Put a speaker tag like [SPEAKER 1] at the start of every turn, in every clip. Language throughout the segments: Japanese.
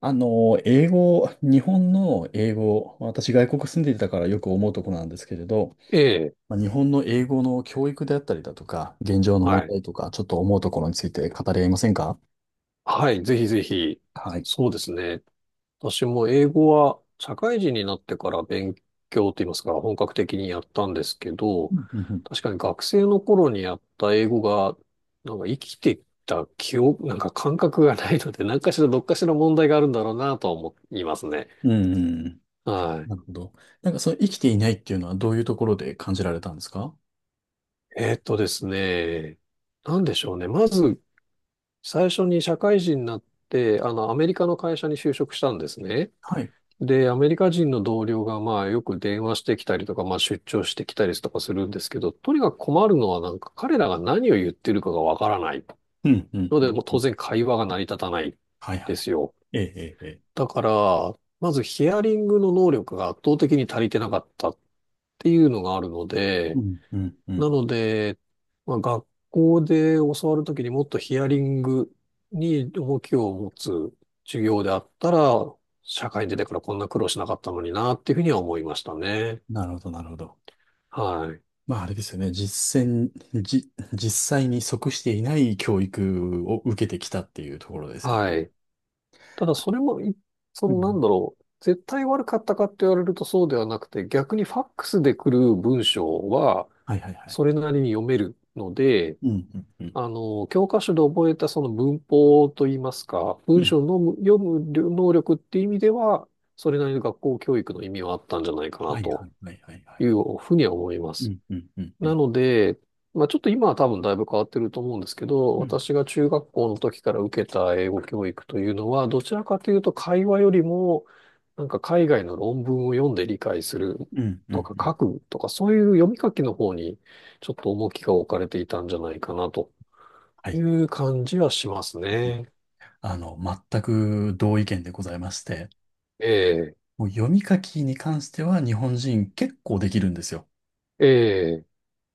[SPEAKER 1] 英語、日本の英語、私外国住んでいたからよく思うところなんですけれど、
[SPEAKER 2] ええ、
[SPEAKER 1] 日本の英語の教育であったりだとか、現状の問
[SPEAKER 2] はい。
[SPEAKER 1] 題とか、ちょっと思うところについて語り合いませんか？
[SPEAKER 2] はい、ぜひぜひ。
[SPEAKER 1] はい。
[SPEAKER 2] そうですね。私も英語は社会人になってから勉強といいますか、本格的にやったんですけど、
[SPEAKER 1] うんうんう
[SPEAKER 2] 確かに学生の頃にやった英語が、なんか生きてきた記憶、なんか感覚がないので、何かしらどっかしら問題があるんだろうなとは思いますね。
[SPEAKER 1] ん。うん、
[SPEAKER 2] はい。
[SPEAKER 1] なるほど。なんかその生きていないっていうのはどういうところで感じられたんですか？
[SPEAKER 2] ですね。なんでしょうね。まず、最初に社会人になって、あの、アメリカの会社に就職したんですね。
[SPEAKER 1] はい。
[SPEAKER 2] で、アメリカ人の同僚が、まあ、よく電話してきたりとか、まあ、出張してきたりとかするんですけど、とにかく困るのは、なんか、彼らが何を言ってるかがわからない。
[SPEAKER 1] うんうん
[SPEAKER 2] の
[SPEAKER 1] う
[SPEAKER 2] で、
[SPEAKER 1] ん。
[SPEAKER 2] もう当然会話が成り立たない
[SPEAKER 1] はいは
[SPEAKER 2] で
[SPEAKER 1] い。
[SPEAKER 2] すよ。
[SPEAKER 1] ええええ。ええ、
[SPEAKER 2] だから、まずヒアリングの能力が圧倒的に足りてなかったっていうのがあるの
[SPEAKER 1] う
[SPEAKER 2] で、
[SPEAKER 1] んうんう
[SPEAKER 2] な
[SPEAKER 1] ん。
[SPEAKER 2] ので、まあ、学校で教わるときにもっとヒアリングに重きを持つ授業であったら、社会に出てからこんな苦労しなかったのになっていうふうには思いましたね。
[SPEAKER 1] なるほどなるほど。
[SPEAKER 2] はい。
[SPEAKER 1] あれですよね。実践、じ、実際に即していない教育を受けてきたっていうところですよ
[SPEAKER 2] は
[SPEAKER 1] ね。
[SPEAKER 2] い。ただそれもそ
[SPEAKER 1] う
[SPEAKER 2] のなん
[SPEAKER 1] ん。
[SPEAKER 2] だろう。絶対悪かったかって言われるとそうではなくて、逆にファックスで来る文章は
[SPEAKER 1] はいはいはい。
[SPEAKER 2] それなりに読めるので、
[SPEAKER 1] うん、うん、うん。
[SPEAKER 2] あの、教科書で覚えたその文法といいますか、
[SPEAKER 1] う
[SPEAKER 2] 文
[SPEAKER 1] ん。
[SPEAKER 2] 章の読む能力っていう意味では、それなりの学校教育の意味はあったんじゃないかな
[SPEAKER 1] はいは
[SPEAKER 2] と
[SPEAKER 1] いはいはいはい。
[SPEAKER 2] いうふうには思いま
[SPEAKER 1] う
[SPEAKER 2] す。
[SPEAKER 1] ん、うん、うん、う
[SPEAKER 2] な
[SPEAKER 1] ん。
[SPEAKER 2] ので、まあちょっと今は多分だいぶ変わってると思うんですけど、
[SPEAKER 1] うん、
[SPEAKER 2] 私が中学校の時から受けた英語教育というのは、どちらかというと会話よりも、なんか海外の論文を読んで理解する
[SPEAKER 1] うん、うん。う
[SPEAKER 2] とか書
[SPEAKER 1] ん、
[SPEAKER 2] くとか、そういう読み書きの方にちょっと重きが置かれていたんじゃないかなと。
[SPEAKER 1] は
[SPEAKER 2] い
[SPEAKER 1] い。
[SPEAKER 2] う感じはしますね。
[SPEAKER 1] あの、全く同意見でございまして、
[SPEAKER 2] ええ、
[SPEAKER 1] もう読み書きに関しては日本人結構できるんですよ。
[SPEAKER 2] ええ、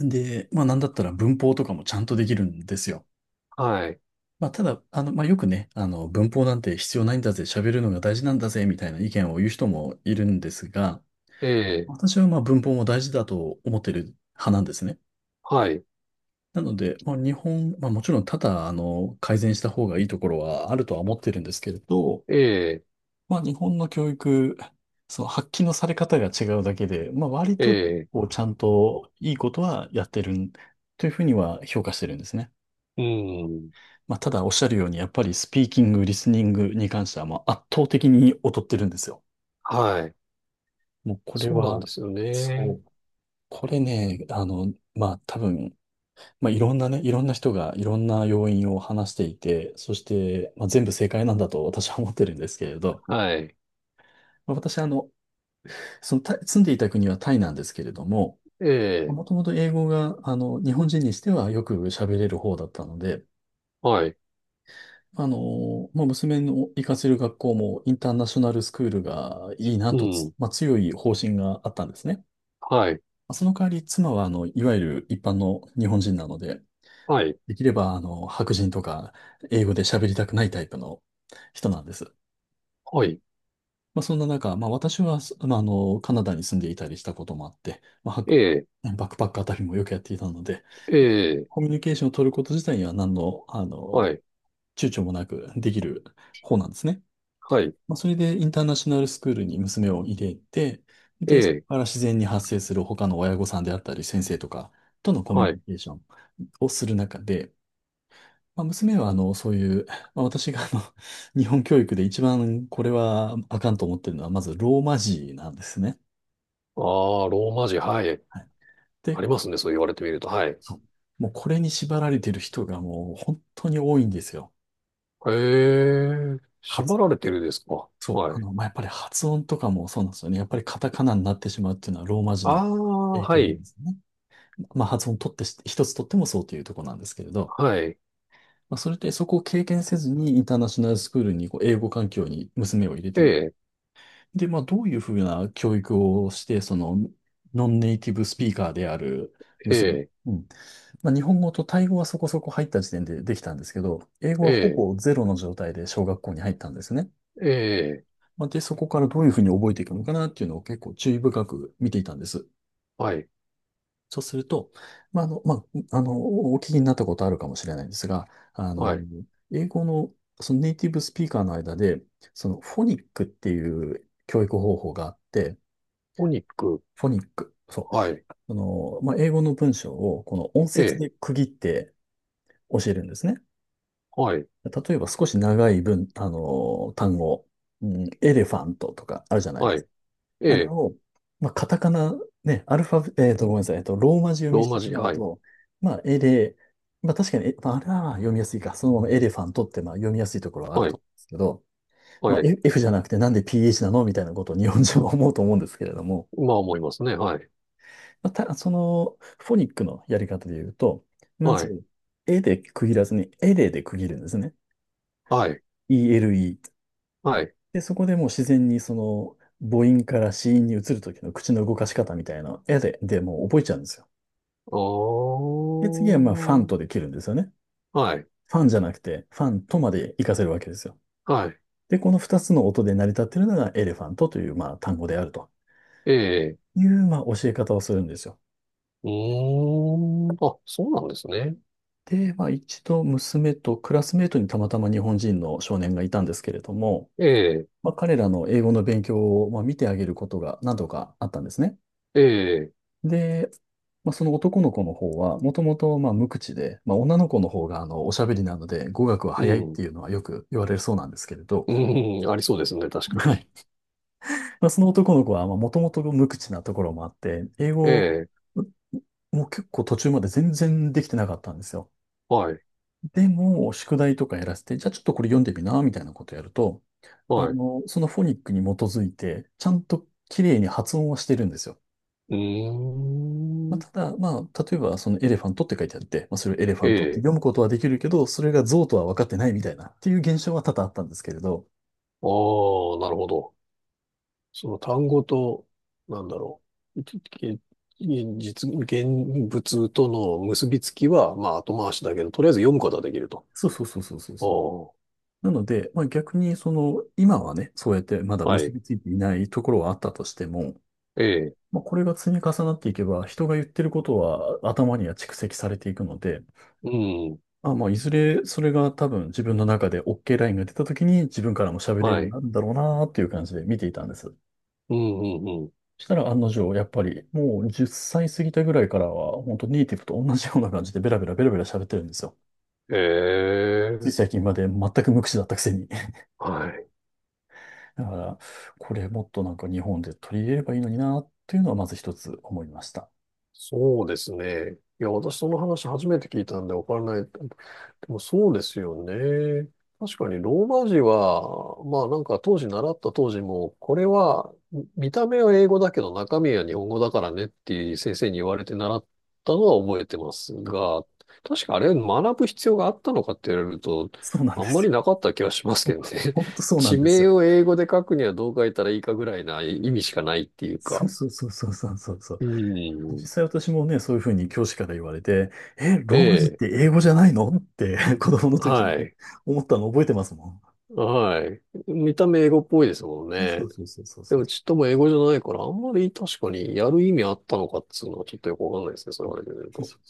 [SPEAKER 1] で、なんだったら文法とかもちゃんとできるんですよ。
[SPEAKER 2] はい、
[SPEAKER 1] ただ、よくね、文法なんて必要ないんだぜ、喋るのが大事なんだぜ、みたいな意見を言う人もいるんですが、
[SPEAKER 2] ええ、
[SPEAKER 1] 私は文法も大事だと思ってる派なんですね。
[SPEAKER 2] はい、
[SPEAKER 1] なので、まあ、日本、まあ、もちろん多々、改善した方がいいところはあるとは思ってるんですけれど、
[SPEAKER 2] ええ、
[SPEAKER 1] 日本の教育、その発揮のされ方が違うだけで、割
[SPEAKER 2] え
[SPEAKER 1] と、
[SPEAKER 2] え、
[SPEAKER 1] こう、ちゃんといいことはやってるんというふうには評価してるんですね。
[SPEAKER 2] うん、
[SPEAKER 1] ただおっしゃるように、やっぱりスピーキング、リスニングに関しては、圧倒的に劣ってるんですよ。
[SPEAKER 2] はい。
[SPEAKER 1] もうこれ
[SPEAKER 2] そうなん
[SPEAKER 1] は、
[SPEAKER 2] ですよ
[SPEAKER 1] そ
[SPEAKER 2] ね。
[SPEAKER 1] う、これね、多分、いろんなね、いろんな人がいろんな要因を話していて、そして、全部正解なんだと私は思ってるんですけれど、
[SPEAKER 2] はい、
[SPEAKER 1] 私、あの、そのタイ、住んでいた国はタイなんですけれども、
[SPEAKER 2] ええ、
[SPEAKER 1] もともと英語が、日本人にしてはよく喋れる方だったので、
[SPEAKER 2] はい、
[SPEAKER 1] 娘の行かせる学校もインターナショナルスクールがいいな
[SPEAKER 2] う
[SPEAKER 1] とつ、
[SPEAKER 2] ん、
[SPEAKER 1] まあ、強い方針があったんですね。
[SPEAKER 2] はい、
[SPEAKER 1] その代わり妻は、いわゆる一般の日本人なので、
[SPEAKER 2] はい、
[SPEAKER 1] できれば、白人とか英語で喋りたくないタイプの人なんです。
[SPEAKER 2] はい、
[SPEAKER 1] そんな中、私は、すまあ、あの、カナダに住んでいたりしたこともあって、
[SPEAKER 2] ええ、
[SPEAKER 1] バックパックあたりもよくやっていたので、
[SPEAKER 2] ええ、
[SPEAKER 1] コミュニケーションを取ること自体には何の、
[SPEAKER 2] はい、
[SPEAKER 1] 躊躇もなくできる方なんですね。
[SPEAKER 2] はい、
[SPEAKER 1] それでインターナショナルスクールに娘を入れて、
[SPEAKER 2] え
[SPEAKER 1] で、そこ
[SPEAKER 2] え、
[SPEAKER 1] から自然に発生する他の親御さんであったり、先生とかとのコミ
[SPEAKER 2] は
[SPEAKER 1] ュニ
[SPEAKER 2] い。
[SPEAKER 1] ケーションをする中で、娘はそういう、私が日本教育で一番これはあかんと思ってるのは、まずローマ字なんですね。
[SPEAKER 2] ああ、ローマ字、はい。
[SPEAKER 1] はい。
[SPEAKER 2] あ
[SPEAKER 1] で、
[SPEAKER 2] りますね、そう言われてみると。はい。
[SPEAKER 1] そう、もうこれに縛られてる人がもう本当に多いんですよ。
[SPEAKER 2] へえ、縛
[SPEAKER 1] 発、
[SPEAKER 2] られてるですか。
[SPEAKER 1] そう、
[SPEAKER 2] はい。
[SPEAKER 1] やっぱり発音とかもそうなんですよね。やっぱりカタカナになってしまうっていうのはローマ字
[SPEAKER 2] あ
[SPEAKER 1] の
[SPEAKER 2] あ、
[SPEAKER 1] 影
[SPEAKER 2] は
[SPEAKER 1] 響なん
[SPEAKER 2] い、
[SPEAKER 1] ですね。まあ、発音取ってし、一つ取ってもそうというところなんですけれど、
[SPEAKER 2] はい、
[SPEAKER 1] それでそこを経験せずにインターナショナルスクールにこう英語環境に娘を入れ
[SPEAKER 2] え
[SPEAKER 1] てみ。
[SPEAKER 2] え、
[SPEAKER 1] で、どういうふうな教育をして、ノンネイティブスピーカーである
[SPEAKER 2] え
[SPEAKER 1] 娘、
[SPEAKER 2] え、
[SPEAKER 1] うん。日本語とタイ語はそこそこ入った時点でできたんですけど、英語はほ
[SPEAKER 2] ええ
[SPEAKER 1] ぼゼロの状態で小学校に入ったんですね。
[SPEAKER 2] ええ、
[SPEAKER 1] で、そこからどういうふうに覚えていくのかなっていうのを結構注意深く見ていたんです。
[SPEAKER 2] はい、
[SPEAKER 1] そうすると、まあ、あの、まあ、あの、お聞きになったことあるかもしれないんですが、あの、
[SPEAKER 2] はい。
[SPEAKER 1] 英語の、そのネイティブスピーカーの間で、そのフォニックっていう教育方法があって、
[SPEAKER 2] お肉、
[SPEAKER 1] フォニック、そ
[SPEAKER 2] はい、
[SPEAKER 1] う、英語の文章をこの音
[SPEAKER 2] え
[SPEAKER 1] 節
[SPEAKER 2] え、
[SPEAKER 1] で区切って教えるんですね。
[SPEAKER 2] はい、
[SPEAKER 1] 例えば少し長い文、あの、単語、うん、エレファントとかあるじゃない？
[SPEAKER 2] はい、え
[SPEAKER 1] あれ
[SPEAKER 2] え、
[SPEAKER 1] を、まあ、カタカナ、ね、アルファベ、えっと、ごめんなさい、ローマ字読み
[SPEAKER 2] ロー
[SPEAKER 1] して
[SPEAKER 2] マ
[SPEAKER 1] し
[SPEAKER 2] 字、
[SPEAKER 1] まう
[SPEAKER 2] はい、
[SPEAKER 1] と、まあ、エレ、まあ、確かに、えまあ、あれは読みやすいか、そのままエレファントって、読みやすいところはある
[SPEAKER 2] は
[SPEAKER 1] と
[SPEAKER 2] い、
[SPEAKER 1] 思うんですけど、
[SPEAKER 2] はい。
[SPEAKER 1] F F じゃなくてなんで PH なのみたいなことを日本人は思うと思うんですけれども、
[SPEAKER 2] まあ思いますね。はい、
[SPEAKER 1] まあ、た、その、フォニックのやり方で言うと、ま
[SPEAKER 2] はい、
[SPEAKER 1] ず、エで区切らずに、エレで区切るんですね。
[SPEAKER 2] はい、
[SPEAKER 1] ELE。
[SPEAKER 2] はい。
[SPEAKER 1] で、そこでもう自然に母音から子音に移るときの口の動かし方みたいな、エレでもう覚えちゃうんですよ。
[SPEAKER 2] あ
[SPEAKER 1] で、次はファン
[SPEAKER 2] ー、
[SPEAKER 1] とで切るんですよね。
[SPEAKER 2] はい、
[SPEAKER 1] ファンじゃなくて、ファンとまで活かせるわけですよ。
[SPEAKER 2] はい、
[SPEAKER 1] で、この二つの音で成り立っているのがエレファントという単語であると
[SPEAKER 2] ええ、
[SPEAKER 1] いう教え方をするんですよ。
[SPEAKER 2] うーん、あ、そうなんですね。
[SPEAKER 1] で、一度娘とクラスメートにたまたま日本人の少年がいたんですけれども、
[SPEAKER 2] ええ、
[SPEAKER 1] 彼らの英語の勉強を見てあげることが何度かあったんですね。
[SPEAKER 2] ええ、
[SPEAKER 1] で、その男の子の方は、もともと無口で、女の子の方がおしゃべりなので語学は
[SPEAKER 2] う
[SPEAKER 1] 早いっ
[SPEAKER 2] ん、
[SPEAKER 1] ていうのはよく言われるそうなんですけれど、
[SPEAKER 2] うん、ありそうですね。確か
[SPEAKER 1] は
[SPEAKER 2] に。
[SPEAKER 1] い。その男の子は、もともと無口なところもあって、英
[SPEAKER 2] え
[SPEAKER 1] 語
[SPEAKER 2] え、
[SPEAKER 1] もう結構途中まで全然できてなかったんですよ。
[SPEAKER 2] はい、
[SPEAKER 1] でも、宿題とかやらせて、じゃあちょっとこれ読んでみな、みたいなことやると、
[SPEAKER 2] はい、
[SPEAKER 1] そのフォニックに基づいて、ちゃんと綺麗に発音はしてるんですよ。
[SPEAKER 2] うーん、
[SPEAKER 1] ただ、例えば、そのエレファントって書いてあって、それをエレファ
[SPEAKER 2] え
[SPEAKER 1] ントって
[SPEAKER 2] え、
[SPEAKER 1] 読むことはできるけど、それが象とは分かってないみたいな、っていう現象は多々あったんですけれど、
[SPEAKER 2] ああなるほど。その単語と、なんだろう、現実、現物との結びつきは、まあ後回しだけど、とりあえず読むことはできると。
[SPEAKER 1] そうそうそうそうそう。
[SPEAKER 2] おー
[SPEAKER 1] なので、逆に今はね、そうやってまだ
[SPEAKER 2] は
[SPEAKER 1] 結
[SPEAKER 2] い。
[SPEAKER 1] びついていないところはあったとしても、
[SPEAKER 2] ええ。
[SPEAKER 1] これが積み重なっていけば、人が言ってることは頭には蓄積されていくので、
[SPEAKER 2] うん。
[SPEAKER 1] いずれそれが多分自分の中で OK ラインが出た時に自分からも喋れるよ
[SPEAKER 2] は
[SPEAKER 1] うに
[SPEAKER 2] い。
[SPEAKER 1] なるんだろうなっていう感じで見ていたんです。そ
[SPEAKER 2] うん、うん、うん。
[SPEAKER 1] したら案の定、やっぱりもう10歳過ぎたぐらいからは、本当ネイティブと同じような感じでベラベラベラベラ喋ってるんですよ。
[SPEAKER 2] え
[SPEAKER 1] つい
[SPEAKER 2] え。
[SPEAKER 1] 最近まで全く無口だったくせに。
[SPEAKER 2] はい。
[SPEAKER 1] だから、これもっとなんか日本で取り入れればいいのになっていうのはまず一つ思いました。
[SPEAKER 2] そうですね。いや、私その話初めて聞いたんでわからない。でもそうですよね。確かにローマ字は、まあなんか当時習った当時も、これは見た目は英語だけど中身は日本語だからねっていう先生に言われて習ったのは覚えてますが、確かあれ学ぶ必要があったのかって言われると、
[SPEAKER 1] そうなん
[SPEAKER 2] あ
[SPEAKER 1] で
[SPEAKER 2] んま
[SPEAKER 1] す
[SPEAKER 2] りなかった気がしますけ
[SPEAKER 1] よ。
[SPEAKER 2] どね。
[SPEAKER 1] ほんと そうな
[SPEAKER 2] 地
[SPEAKER 1] んです
[SPEAKER 2] 名
[SPEAKER 1] よ。
[SPEAKER 2] を英語で書くにはどう書いたらいいかぐらいな意味しかないっていう
[SPEAKER 1] そう
[SPEAKER 2] か。
[SPEAKER 1] そうそうそうそうそうそう。
[SPEAKER 2] うん。
[SPEAKER 1] 実際私もね、そういうふうに教師から言われて、え、
[SPEAKER 2] え
[SPEAKER 1] ローマ字っ
[SPEAKER 2] え。
[SPEAKER 1] て英語じゃないのって 子供の時に
[SPEAKER 2] はい。
[SPEAKER 1] 思ったの覚えてますもん。
[SPEAKER 2] はい。見た目英語っぽいですもん
[SPEAKER 1] そ
[SPEAKER 2] ね。
[SPEAKER 1] うそうそうそう
[SPEAKER 2] で
[SPEAKER 1] そう。
[SPEAKER 2] もちっとも英語じゃないから、あんまり確かにやる意味あったのかっつうのはちょっとよくわかんないですね。そ
[SPEAKER 1] う
[SPEAKER 2] れ言わ
[SPEAKER 1] ん、
[SPEAKER 2] れてみる
[SPEAKER 1] そう
[SPEAKER 2] と。
[SPEAKER 1] そう。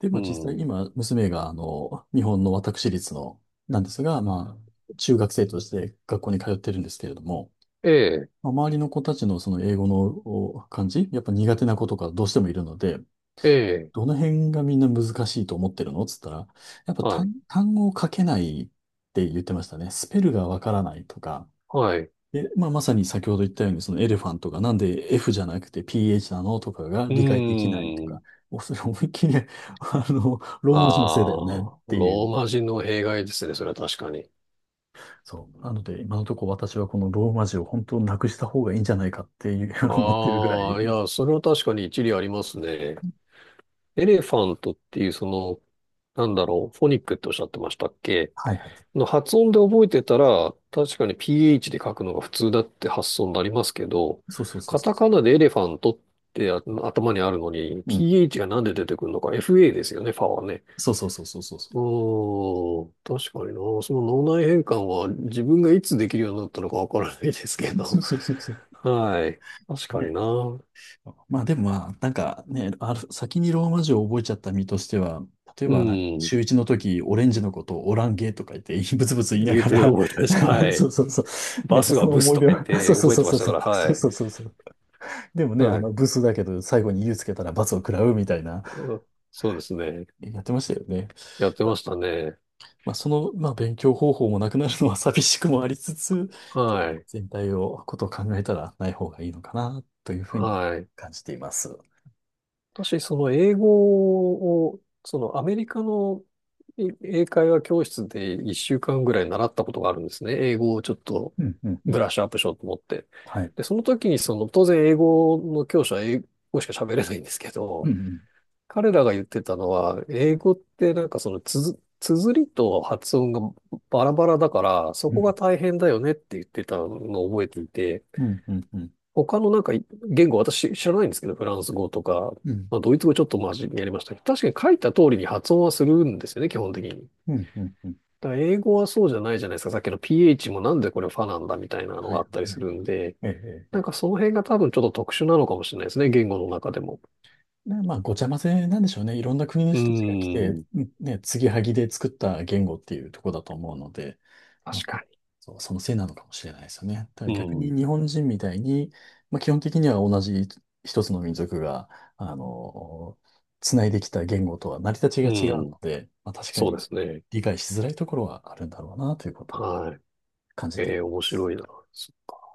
[SPEAKER 1] で、
[SPEAKER 2] う
[SPEAKER 1] まあ実際
[SPEAKER 2] ん。
[SPEAKER 1] 今、娘が日本の私立の、なんですが、まあ、中学生として学校に通ってるんですけれども、
[SPEAKER 2] ええ、
[SPEAKER 1] まあ、周りの子たちのその英語のお漢字、やっぱ苦手な子とかどうしてもいるので、
[SPEAKER 2] ええ、
[SPEAKER 1] どの辺がみんな難しいと思ってるのつったら、やっぱ
[SPEAKER 2] はい、
[SPEAKER 1] 単語を書けないって言ってましたね。スペルがわからないとか。
[SPEAKER 2] はい。う
[SPEAKER 1] で、まあ、まさに先ほど言ったように、そのエレファントがなんで F じゃなくて PH なのとかが
[SPEAKER 2] ー
[SPEAKER 1] 理解できないとか、
[SPEAKER 2] ん。
[SPEAKER 1] もうそれ思いっきり、
[SPEAKER 2] あ
[SPEAKER 1] ローマ字のせいだよねっ
[SPEAKER 2] あ、
[SPEAKER 1] てい
[SPEAKER 2] ロー
[SPEAKER 1] う。
[SPEAKER 2] マ字の弊害ですね。それは確かに。
[SPEAKER 1] そう。なので、今のところ私はこのローマ字を本当なくした方がいいんじゃないかっていう 思ってるぐら
[SPEAKER 2] あ
[SPEAKER 1] い。
[SPEAKER 2] あ、いや、それは確かに一理ありますね。エレファントっていうその、なんだろう、フォニックっておっしゃってましたっけ
[SPEAKER 1] はいはい。
[SPEAKER 2] の発音で覚えてたら、確かに PH で書くのが普通だって発想になりますけど、
[SPEAKER 1] そうそうそう
[SPEAKER 2] カ
[SPEAKER 1] そ
[SPEAKER 2] タカナでエレファントって頭にあるのに、
[SPEAKER 1] う。うん。
[SPEAKER 2] PH がなんで出てくるのか、FA ですよね、ファはね。
[SPEAKER 1] そうそうそうそうそ
[SPEAKER 2] う
[SPEAKER 1] う。
[SPEAKER 2] ーん、確かにな。その脳内変換は自分がいつできるようになったのかわからないですけ
[SPEAKER 1] そ
[SPEAKER 2] ど。
[SPEAKER 1] うそうそうそう。
[SPEAKER 2] はい。確かに
[SPEAKER 1] ね。
[SPEAKER 2] な。う
[SPEAKER 1] まあでもまあ、なんかね、先にローマ字を覚えちゃった身としては、例えばなんか
[SPEAKER 2] ん。
[SPEAKER 1] 中1の時、オレンジのことをオランゲーとか言って、ブツブツ言いな
[SPEAKER 2] 言う
[SPEAKER 1] が
[SPEAKER 2] て
[SPEAKER 1] ら
[SPEAKER 2] 覚えたです。は
[SPEAKER 1] そ
[SPEAKER 2] い。
[SPEAKER 1] うそうそう。
[SPEAKER 2] バ
[SPEAKER 1] ね、
[SPEAKER 2] ス
[SPEAKER 1] そ
[SPEAKER 2] が
[SPEAKER 1] の
[SPEAKER 2] ブス
[SPEAKER 1] 思い
[SPEAKER 2] と
[SPEAKER 1] 出
[SPEAKER 2] か言っ
[SPEAKER 1] は、そ
[SPEAKER 2] て
[SPEAKER 1] うそう
[SPEAKER 2] 覚え
[SPEAKER 1] そう
[SPEAKER 2] てま
[SPEAKER 1] そ
[SPEAKER 2] し
[SPEAKER 1] う
[SPEAKER 2] た
[SPEAKER 1] そ
[SPEAKER 2] から、は
[SPEAKER 1] う、
[SPEAKER 2] い。
[SPEAKER 1] そうそうそうそう。でもね、
[SPEAKER 2] はい。
[SPEAKER 1] ブスだけど、最後に U つけたら罰を食らうみたいな、
[SPEAKER 2] そうですね。
[SPEAKER 1] やってましたよね。
[SPEAKER 2] やってましたね。
[SPEAKER 1] まあ、まあ、勉強方法もなくなるのは寂しくもありつつ、
[SPEAKER 2] はい。
[SPEAKER 1] 全体を、ことを考えたらない方がいいのかな、というふうに
[SPEAKER 2] はい。
[SPEAKER 1] 感じています。
[SPEAKER 2] 私、その英語を、そのアメリカの英会話教室で1週間ぐらい習ったことがあるんですね。英語をちょっと
[SPEAKER 1] うん、うん、う
[SPEAKER 2] ブ
[SPEAKER 1] ん。
[SPEAKER 2] ラッシュアップしようと思って。
[SPEAKER 1] はい。
[SPEAKER 2] で、その時にその、当然英語の教師は英語しか喋れないんですけ
[SPEAKER 1] う
[SPEAKER 2] ど、
[SPEAKER 1] ん、
[SPEAKER 2] 彼らが言ってたのは、英語ってなんかその綴りと発音がバラバラだから、そ
[SPEAKER 1] う
[SPEAKER 2] こが
[SPEAKER 1] ん、
[SPEAKER 2] 大変だよねって言ってたのを覚えていて、
[SPEAKER 1] うん、うん、うん、うん、
[SPEAKER 2] 他のなんか言語私知らないんですけど、フランス語とか、
[SPEAKER 1] う
[SPEAKER 2] まあ、ドイツ語ちょっとマジにやりましたけど、確かに書いた通りに発音はするんですよね、基本的に。
[SPEAKER 1] ん、うん、うん。
[SPEAKER 2] だから英語はそうじゃないじゃないですか。さっきの PH もなんでこれファなんだみたいなの
[SPEAKER 1] はい、
[SPEAKER 2] があ
[SPEAKER 1] は
[SPEAKER 2] ったり
[SPEAKER 1] い、は
[SPEAKER 2] す
[SPEAKER 1] い。
[SPEAKER 2] るんで、
[SPEAKER 1] ええ、ええ。
[SPEAKER 2] なん
[SPEAKER 1] え
[SPEAKER 2] か
[SPEAKER 1] え。
[SPEAKER 2] その辺が多分ちょっと特殊なのかもしれないですね、言語の中でも。
[SPEAKER 1] で、まあ、ごちゃ混ぜなんでしょうね。いろんな国の
[SPEAKER 2] う
[SPEAKER 1] 人たちが来
[SPEAKER 2] ー
[SPEAKER 1] て、
[SPEAKER 2] ん、
[SPEAKER 1] うんね、継ぎはぎで作った言語っていうところだと思うので、まあ、
[SPEAKER 2] 確
[SPEAKER 1] そ
[SPEAKER 2] か
[SPEAKER 1] そう、そのせいなのかもしれないですよね。ただ
[SPEAKER 2] に。
[SPEAKER 1] 逆
[SPEAKER 2] う
[SPEAKER 1] に
[SPEAKER 2] ん。
[SPEAKER 1] 日本人みたいに、まあ、基本的には同じ一つの民族が、あの、つないできた言語とは成り立
[SPEAKER 2] う
[SPEAKER 1] ちが違う
[SPEAKER 2] ん。
[SPEAKER 1] ので、まあ、確か
[SPEAKER 2] そうで
[SPEAKER 1] に
[SPEAKER 2] すね。
[SPEAKER 1] 理解しづらいところはあるんだろうなということを
[SPEAKER 2] は
[SPEAKER 1] 感じ
[SPEAKER 2] い。え
[SPEAKER 1] て
[SPEAKER 2] え、面白いな。そっか